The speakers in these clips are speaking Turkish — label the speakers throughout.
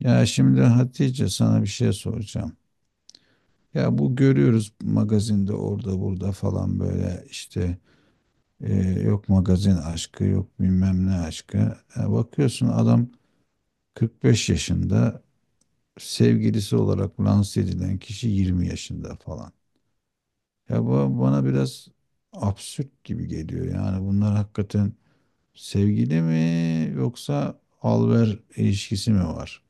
Speaker 1: Ya şimdi Hatice sana bir şey soracağım. Ya bu görüyoruz magazinde orada burada falan böyle işte yok magazin aşkı yok bilmem ne aşkı. Ya bakıyorsun adam 45 yaşında sevgilisi olarak lanse edilen kişi 20 yaşında falan. Ya bu bana biraz absürt gibi geliyor. Yani bunlar hakikaten sevgili mi yoksa alver ilişkisi mi var?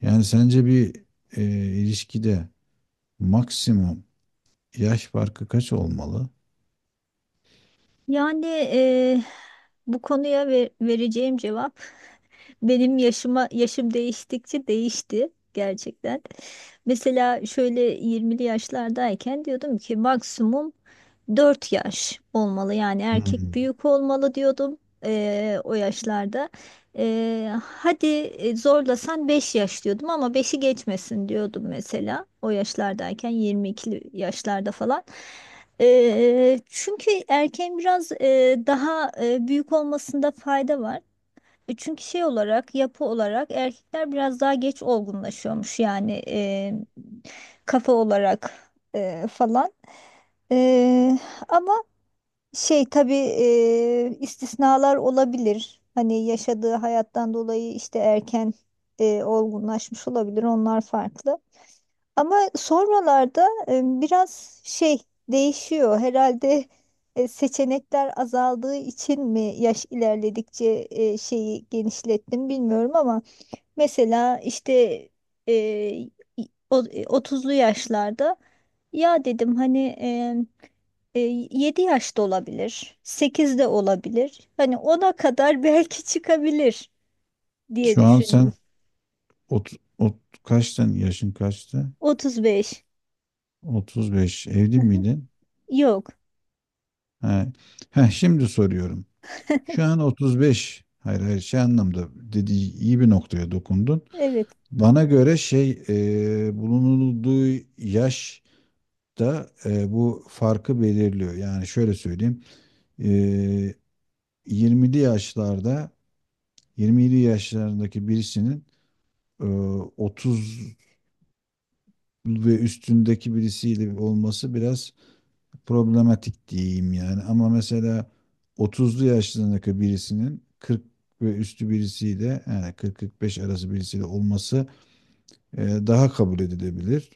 Speaker 1: Yani sence bir e, ilişkide maksimum yaş farkı kaç olmalı?
Speaker 2: Yani bu konuya vereceğim cevap benim yaşım değiştikçe değişti gerçekten. Mesela şöyle 20'li yaşlardayken diyordum ki maksimum 4 yaş olmalı, yani
Speaker 1: Hmm.
Speaker 2: erkek büyük olmalı diyordum o yaşlarda. Hadi zorlasan 5 yaş diyordum ama beşi geçmesin diyordum, mesela o yaşlardayken 22'li yaşlarda falan. Çünkü erkeğin biraz daha büyük olmasında fayda var. Çünkü şey olarak, yapı olarak erkekler biraz daha geç olgunlaşıyormuş, yani kafa olarak falan. E, Ama şey, tabii istisnalar olabilir. Hani yaşadığı hayattan dolayı işte erken olgunlaşmış olabilir. Onlar farklı. Ama sonralarda biraz şey değişiyor. Herhalde seçenekler azaldığı için mi yaş ilerledikçe şeyi genişlettim bilmiyorum ama mesela işte e, o- e, yaşlarda ya dedim hani e, e, 7 yaşta olabilir, 8 de olabilir. Hani ona kadar belki çıkabilir diye
Speaker 1: Şu an
Speaker 2: düşündüm.
Speaker 1: sen ot, ot, kaçtın? Yaşın kaçtı?
Speaker 2: 35.
Speaker 1: 35. Evli miydin?
Speaker 2: Yok.
Speaker 1: Ha. Ha, şimdi soruyorum. Şu an 35. Hayır, hayır, şey anlamda dediği iyi bir noktaya dokundun.
Speaker 2: Evet.
Speaker 1: Bana göre şey bulunulduğu yaş da bu farkı belirliyor. Yani şöyle söyleyeyim. E, 20'li yaşlarda 27 yaşlarındaki birisinin e, ve üstündeki birisiyle olması biraz problematik diyeyim yani. Ama mesela otuzlu yaşlarındaki birisinin 40 ve üstü birisiyle yani 40 45 arası birisiyle olması daha kabul edilebilir.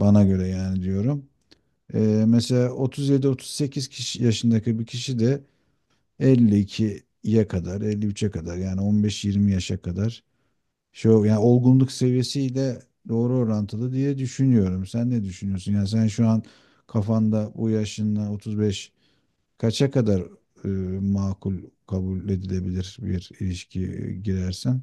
Speaker 1: Bana göre yani diyorum. E, mesela 37-38 kişi, yaşındaki bir kişi de 52'ye kadar, 53'e kadar yani 15 20 yaşa kadar şu yani olgunluk seviyesiyle doğru orantılı diye düşünüyorum. Sen ne düşünüyorsun? Yani sen şu an kafanda bu yaşınla 35 kaça kadar e, makul kabul edilebilir bir ilişki girersen?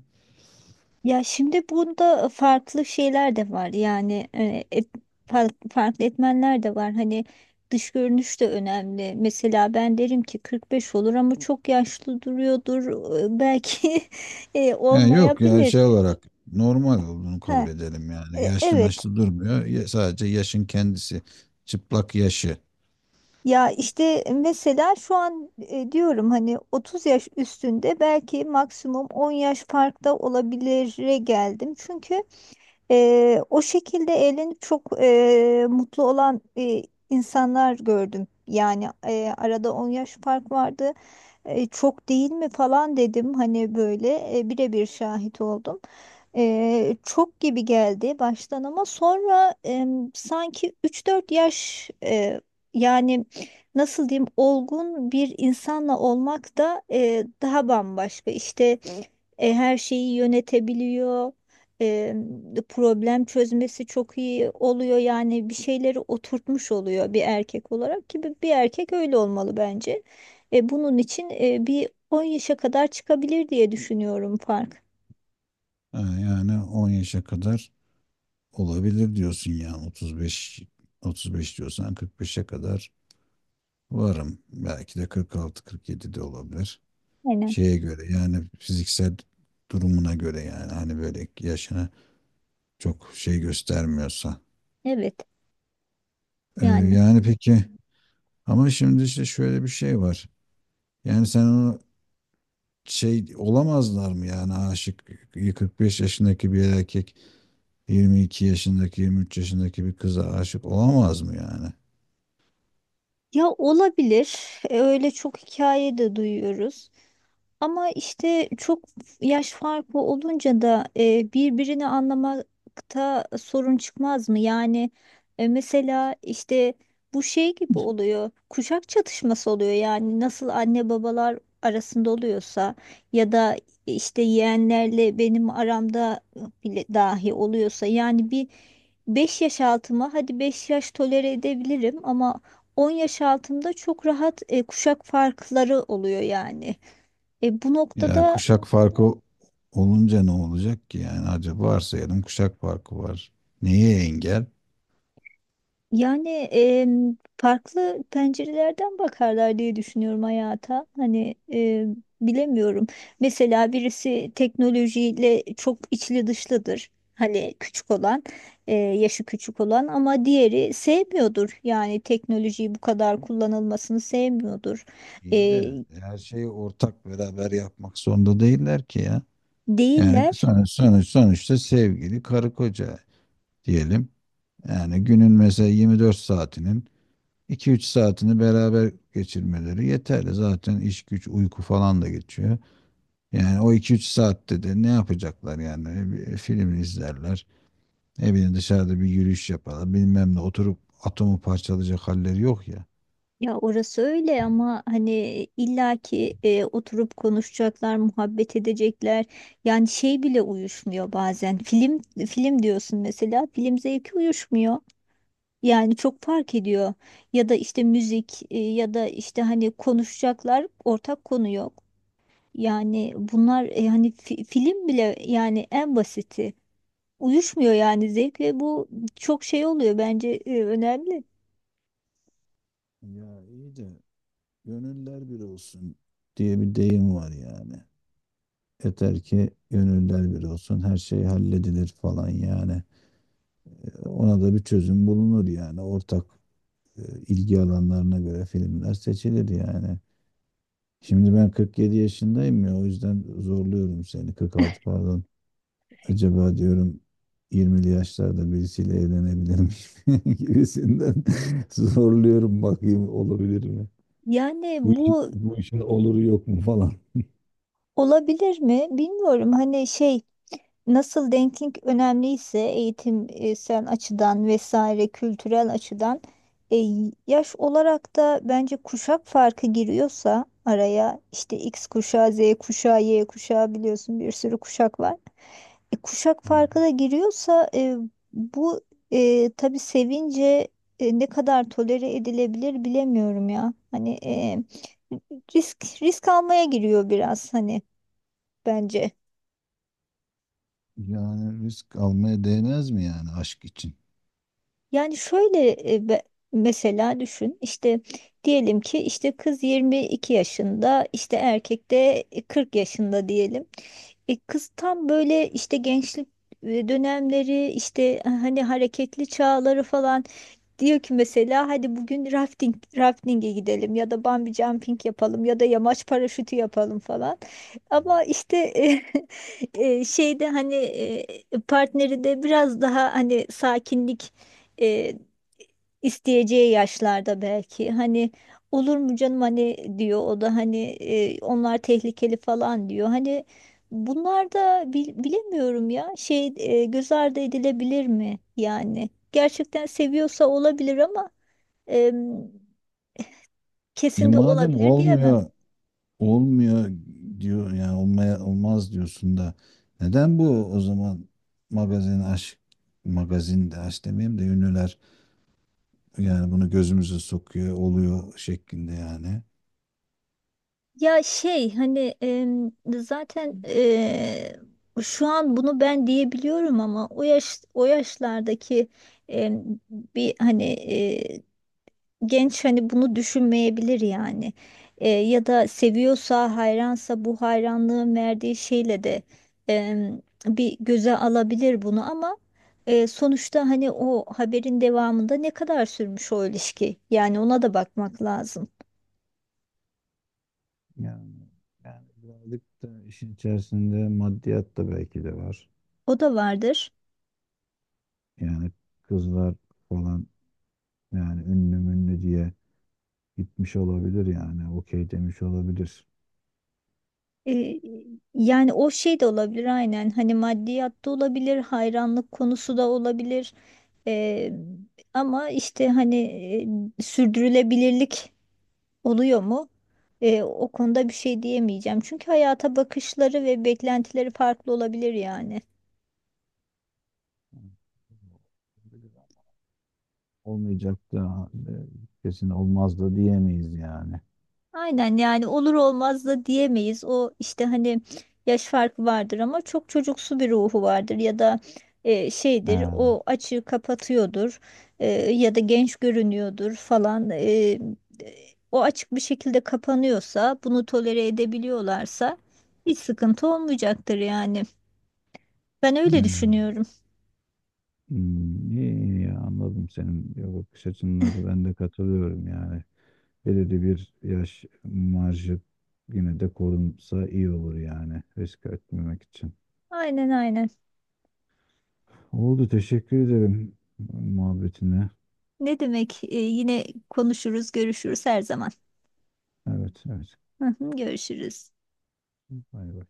Speaker 2: Ya şimdi burada farklı şeyler de var yani, farklı etmenler de var hani. Dış görünüş de önemli, mesela ben derim ki 45 olur ama çok yaşlı duruyordur. Belki
Speaker 1: Yani yok ya
Speaker 2: olmayabilir.
Speaker 1: şey olarak normal olduğunu kabul
Speaker 2: Ha,
Speaker 1: edelim yani. Yaşlı
Speaker 2: evet.
Speaker 1: maçlı durmuyor. Ya- sadece yaşın kendisi. Çıplak yaşı.
Speaker 2: Ya işte mesela şu an diyorum hani 30 yaş üstünde belki maksimum 10 yaş farkta olabilire geldim, çünkü o şekilde evlenip çok mutlu olan insanlar gördüm. Yani arada 10 yaş fark vardı. Çok değil mi falan dedim hani, böyle birebir şahit oldum. Çok gibi geldi baştan ama sonra sanki 3-4 yaş yani nasıl diyeyim, olgun bir insanla olmak da daha bambaşka. İşte her şeyi yönetebiliyor. E, Problem çözmesi çok iyi oluyor. Yani bir şeyleri oturtmuş oluyor bir erkek olarak, ki bir erkek öyle olmalı bence. Bunun için bir 10 yaşa kadar çıkabilir diye düşünüyorum fark.
Speaker 1: Ha, yani 10 yaşa kadar olabilir diyorsun yani 35, 35 diyorsan 45'e kadar varım. Belki de 46-47 de olabilir.
Speaker 2: Aynen.
Speaker 1: Şeye göre yani fiziksel durumuna göre yani hani böyle yaşına çok şey göstermiyorsa.
Speaker 2: Evet. Yani,
Speaker 1: Yani peki ama şimdi işte şöyle bir şey var. Yani sen onu şey olamazlar mı yani aşık 45 yaşındaki bir erkek 22 yaşındaki 23 yaşındaki bir kıza aşık olamaz mı yani?
Speaker 2: ya olabilir. Öyle çok hikaye de duyuyoruz. Ama işte çok yaş farkı olunca da birbirini anlamakta sorun çıkmaz mı? Yani mesela işte bu şey gibi oluyor. Kuşak çatışması oluyor. Yani nasıl anne babalar arasında oluyorsa ya da işte yeğenlerle benim aramda bile dahi oluyorsa, yani bir 5 yaş altıma hadi 5 yaş tolere edebilirim ama 10 yaş altımda çok rahat kuşak farkları oluyor yani. Bu
Speaker 1: Ya
Speaker 2: noktada,
Speaker 1: kuşak farkı olunca ne olacak ki yani acaba varsayalım kuşak farkı var. Neye engel?
Speaker 2: yani farklı pencerelerden bakarlar diye düşünüyorum hayata. Hani bilemiyorum. Mesela birisi teknolojiyle çok içli dışlıdır, hani küçük olan, yaşı küçük olan, ama diğeri sevmiyordur. Yani teknolojiyi bu kadar kullanılmasını sevmiyordur.
Speaker 1: İyi
Speaker 2: E,
Speaker 1: de her şeyi ortak beraber yapmak zorunda değiller ki ya. Yani
Speaker 2: Değiller.
Speaker 1: sonuçta sevgili karı koca diyelim. Yani günün mesela 24 saatinin 2-3 saatini beraber geçirmeleri yeterli. Zaten iş güç uyku falan da geçiyor. Yani o 2-3 saatte de ne yapacaklar yani? Bir film izlerler. Ne bileyim dışarıda bir yürüyüş yaparlar. Bilmem ne oturup atomu parçalayacak halleri yok ya.
Speaker 2: Ya orası öyle ama hani illaki oturup konuşacaklar, muhabbet edecekler. Yani şey bile uyuşmuyor bazen. Film diyorsun mesela, film zevki uyuşmuyor. Yani çok fark ediyor. Ya da işte müzik, ya da işte hani konuşacaklar, ortak konu yok. Yani bunlar hani, film bile yani, en basiti uyuşmuyor yani zevk, ve bu çok şey oluyor bence, önemli.
Speaker 1: Ya iyi de gönüller bir olsun diye bir deyim var yani. Yeter ki gönüller bir olsun, her şey halledilir falan yani. Ona da bir çözüm bulunur yani. Ortak e, ilgi alanlarına göre filmler seçilir yani. Şimdi ben 47 yaşındayım ya o yüzden zorluyorum seni. 46 pardon. Acaba diyorum 20'li yaşlarda birisiyle evlenebilir miyim gibisinden zorluyorum bakayım olabilir mi?
Speaker 2: Yani
Speaker 1: Bu işin,
Speaker 2: bu.
Speaker 1: bu işin oluru yok mu falan.
Speaker 2: Olabilir mi? Bilmiyorum. Hani şey, nasıl denklik önemliyse eğitimsel açıdan vesaire, kültürel açıdan e, yaş olarak da bence kuşak farkı giriyorsa araya, işte X kuşağı, Z kuşağı, Y kuşağı, biliyorsun bir sürü kuşak var. Kuşak farkı da giriyorsa bu tabii, sevince ne kadar tolere edilebilir bilemiyorum ya. Hani risk almaya giriyor biraz hani, bence.
Speaker 1: Yani risk almaya değmez mi yani aşk için?
Speaker 2: Yani şöyle mesela düşün işte, diyelim ki işte kız 22 yaşında, işte erkek de 40 yaşında diyelim. Kız tam böyle işte gençlik dönemleri, işte hani hareketli çağları falan, diyor ki mesela hadi bugün rafting'e gidelim ya da bungee jumping yapalım ya da yamaç paraşütü yapalım falan. Ama işte şeyde hani partneri de biraz daha hani sakinlik e, isteyeceği yaşlarda belki, hani olur mu canım hani, diyor o da hani onlar tehlikeli falan diyor. Hani bunlar da bilemiyorum ya, şey, göz ardı edilebilir mi yani? Gerçekten seviyorsa olabilir ama e,
Speaker 1: E
Speaker 2: kesin de
Speaker 1: madem
Speaker 2: olabilir diyemem.
Speaker 1: olmuyor, olmuyor diyor yani olmaya olmaz diyorsun da neden bu o zaman magazin aşk magazin de aşk demeyeyim de ünlüler yani bunu gözümüze sokuyor oluyor şeklinde yani.
Speaker 2: Ya şey hani, zaten şu an bunu ben diyebiliyorum ama o yaşlardaki em, bir hani genç hani bunu düşünmeyebilir yani. Ya da seviyorsa, hayransa, bu hayranlığın verdiği şeyle de em, bir göze alabilir bunu, ama sonuçta hani o haberin devamında ne kadar sürmüş o ilişki, yani ona da bakmak lazım.
Speaker 1: Yani yani birazcık da işin içerisinde maddiyat da belki de var.
Speaker 2: O da vardır.
Speaker 1: Yani kızlar falan yani ünlü münlü diye gitmiş olabilir yani okey demiş olabilir.
Speaker 2: E, Yani o şey de olabilir aynen, hani maddiyat da olabilir, hayranlık konusu da olabilir. E, Ama işte hani sürdürülebilirlik oluyor mu? O konuda bir şey diyemeyeceğim, çünkü hayata bakışları ve beklentileri farklı olabilir yani.
Speaker 1: Olmayacaktı. Ha, kesin olmazdı diyemeyiz yani.
Speaker 2: Aynen, yani olur olmaz da diyemeyiz. O işte hani, yaş farkı vardır ama çok çocuksu bir ruhu vardır, ya da
Speaker 1: He,
Speaker 2: şeydir, o açığı kapatıyordur, ya da genç görünüyordur falan. O açık bir şekilde kapanıyorsa, bunu tolere edebiliyorlarsa hiç sıkıntı olmayacaktır yani. Ben öyle
Speaker 1: he.
Speaker 2: düşünüyorum.
Speaker 1: Hmm, iyi, iyi, anladım senin ya bakış açınla da ben de katılıyorum yani. Belirli bir yaş marjı yine de korunsa iyi olur yani risk etmemek için.
Speaker 2: Aynen, aynen.
Speaker 1: Oldu teşekkür ederim muhabbetine.
Speaker 2: Ne demek? Yine konuşuruz, görüşürüz her zaman.
Speaker 1: Evet, evet.
Speaker 2: Görüşürüz.
Speaker 1: Bay bay.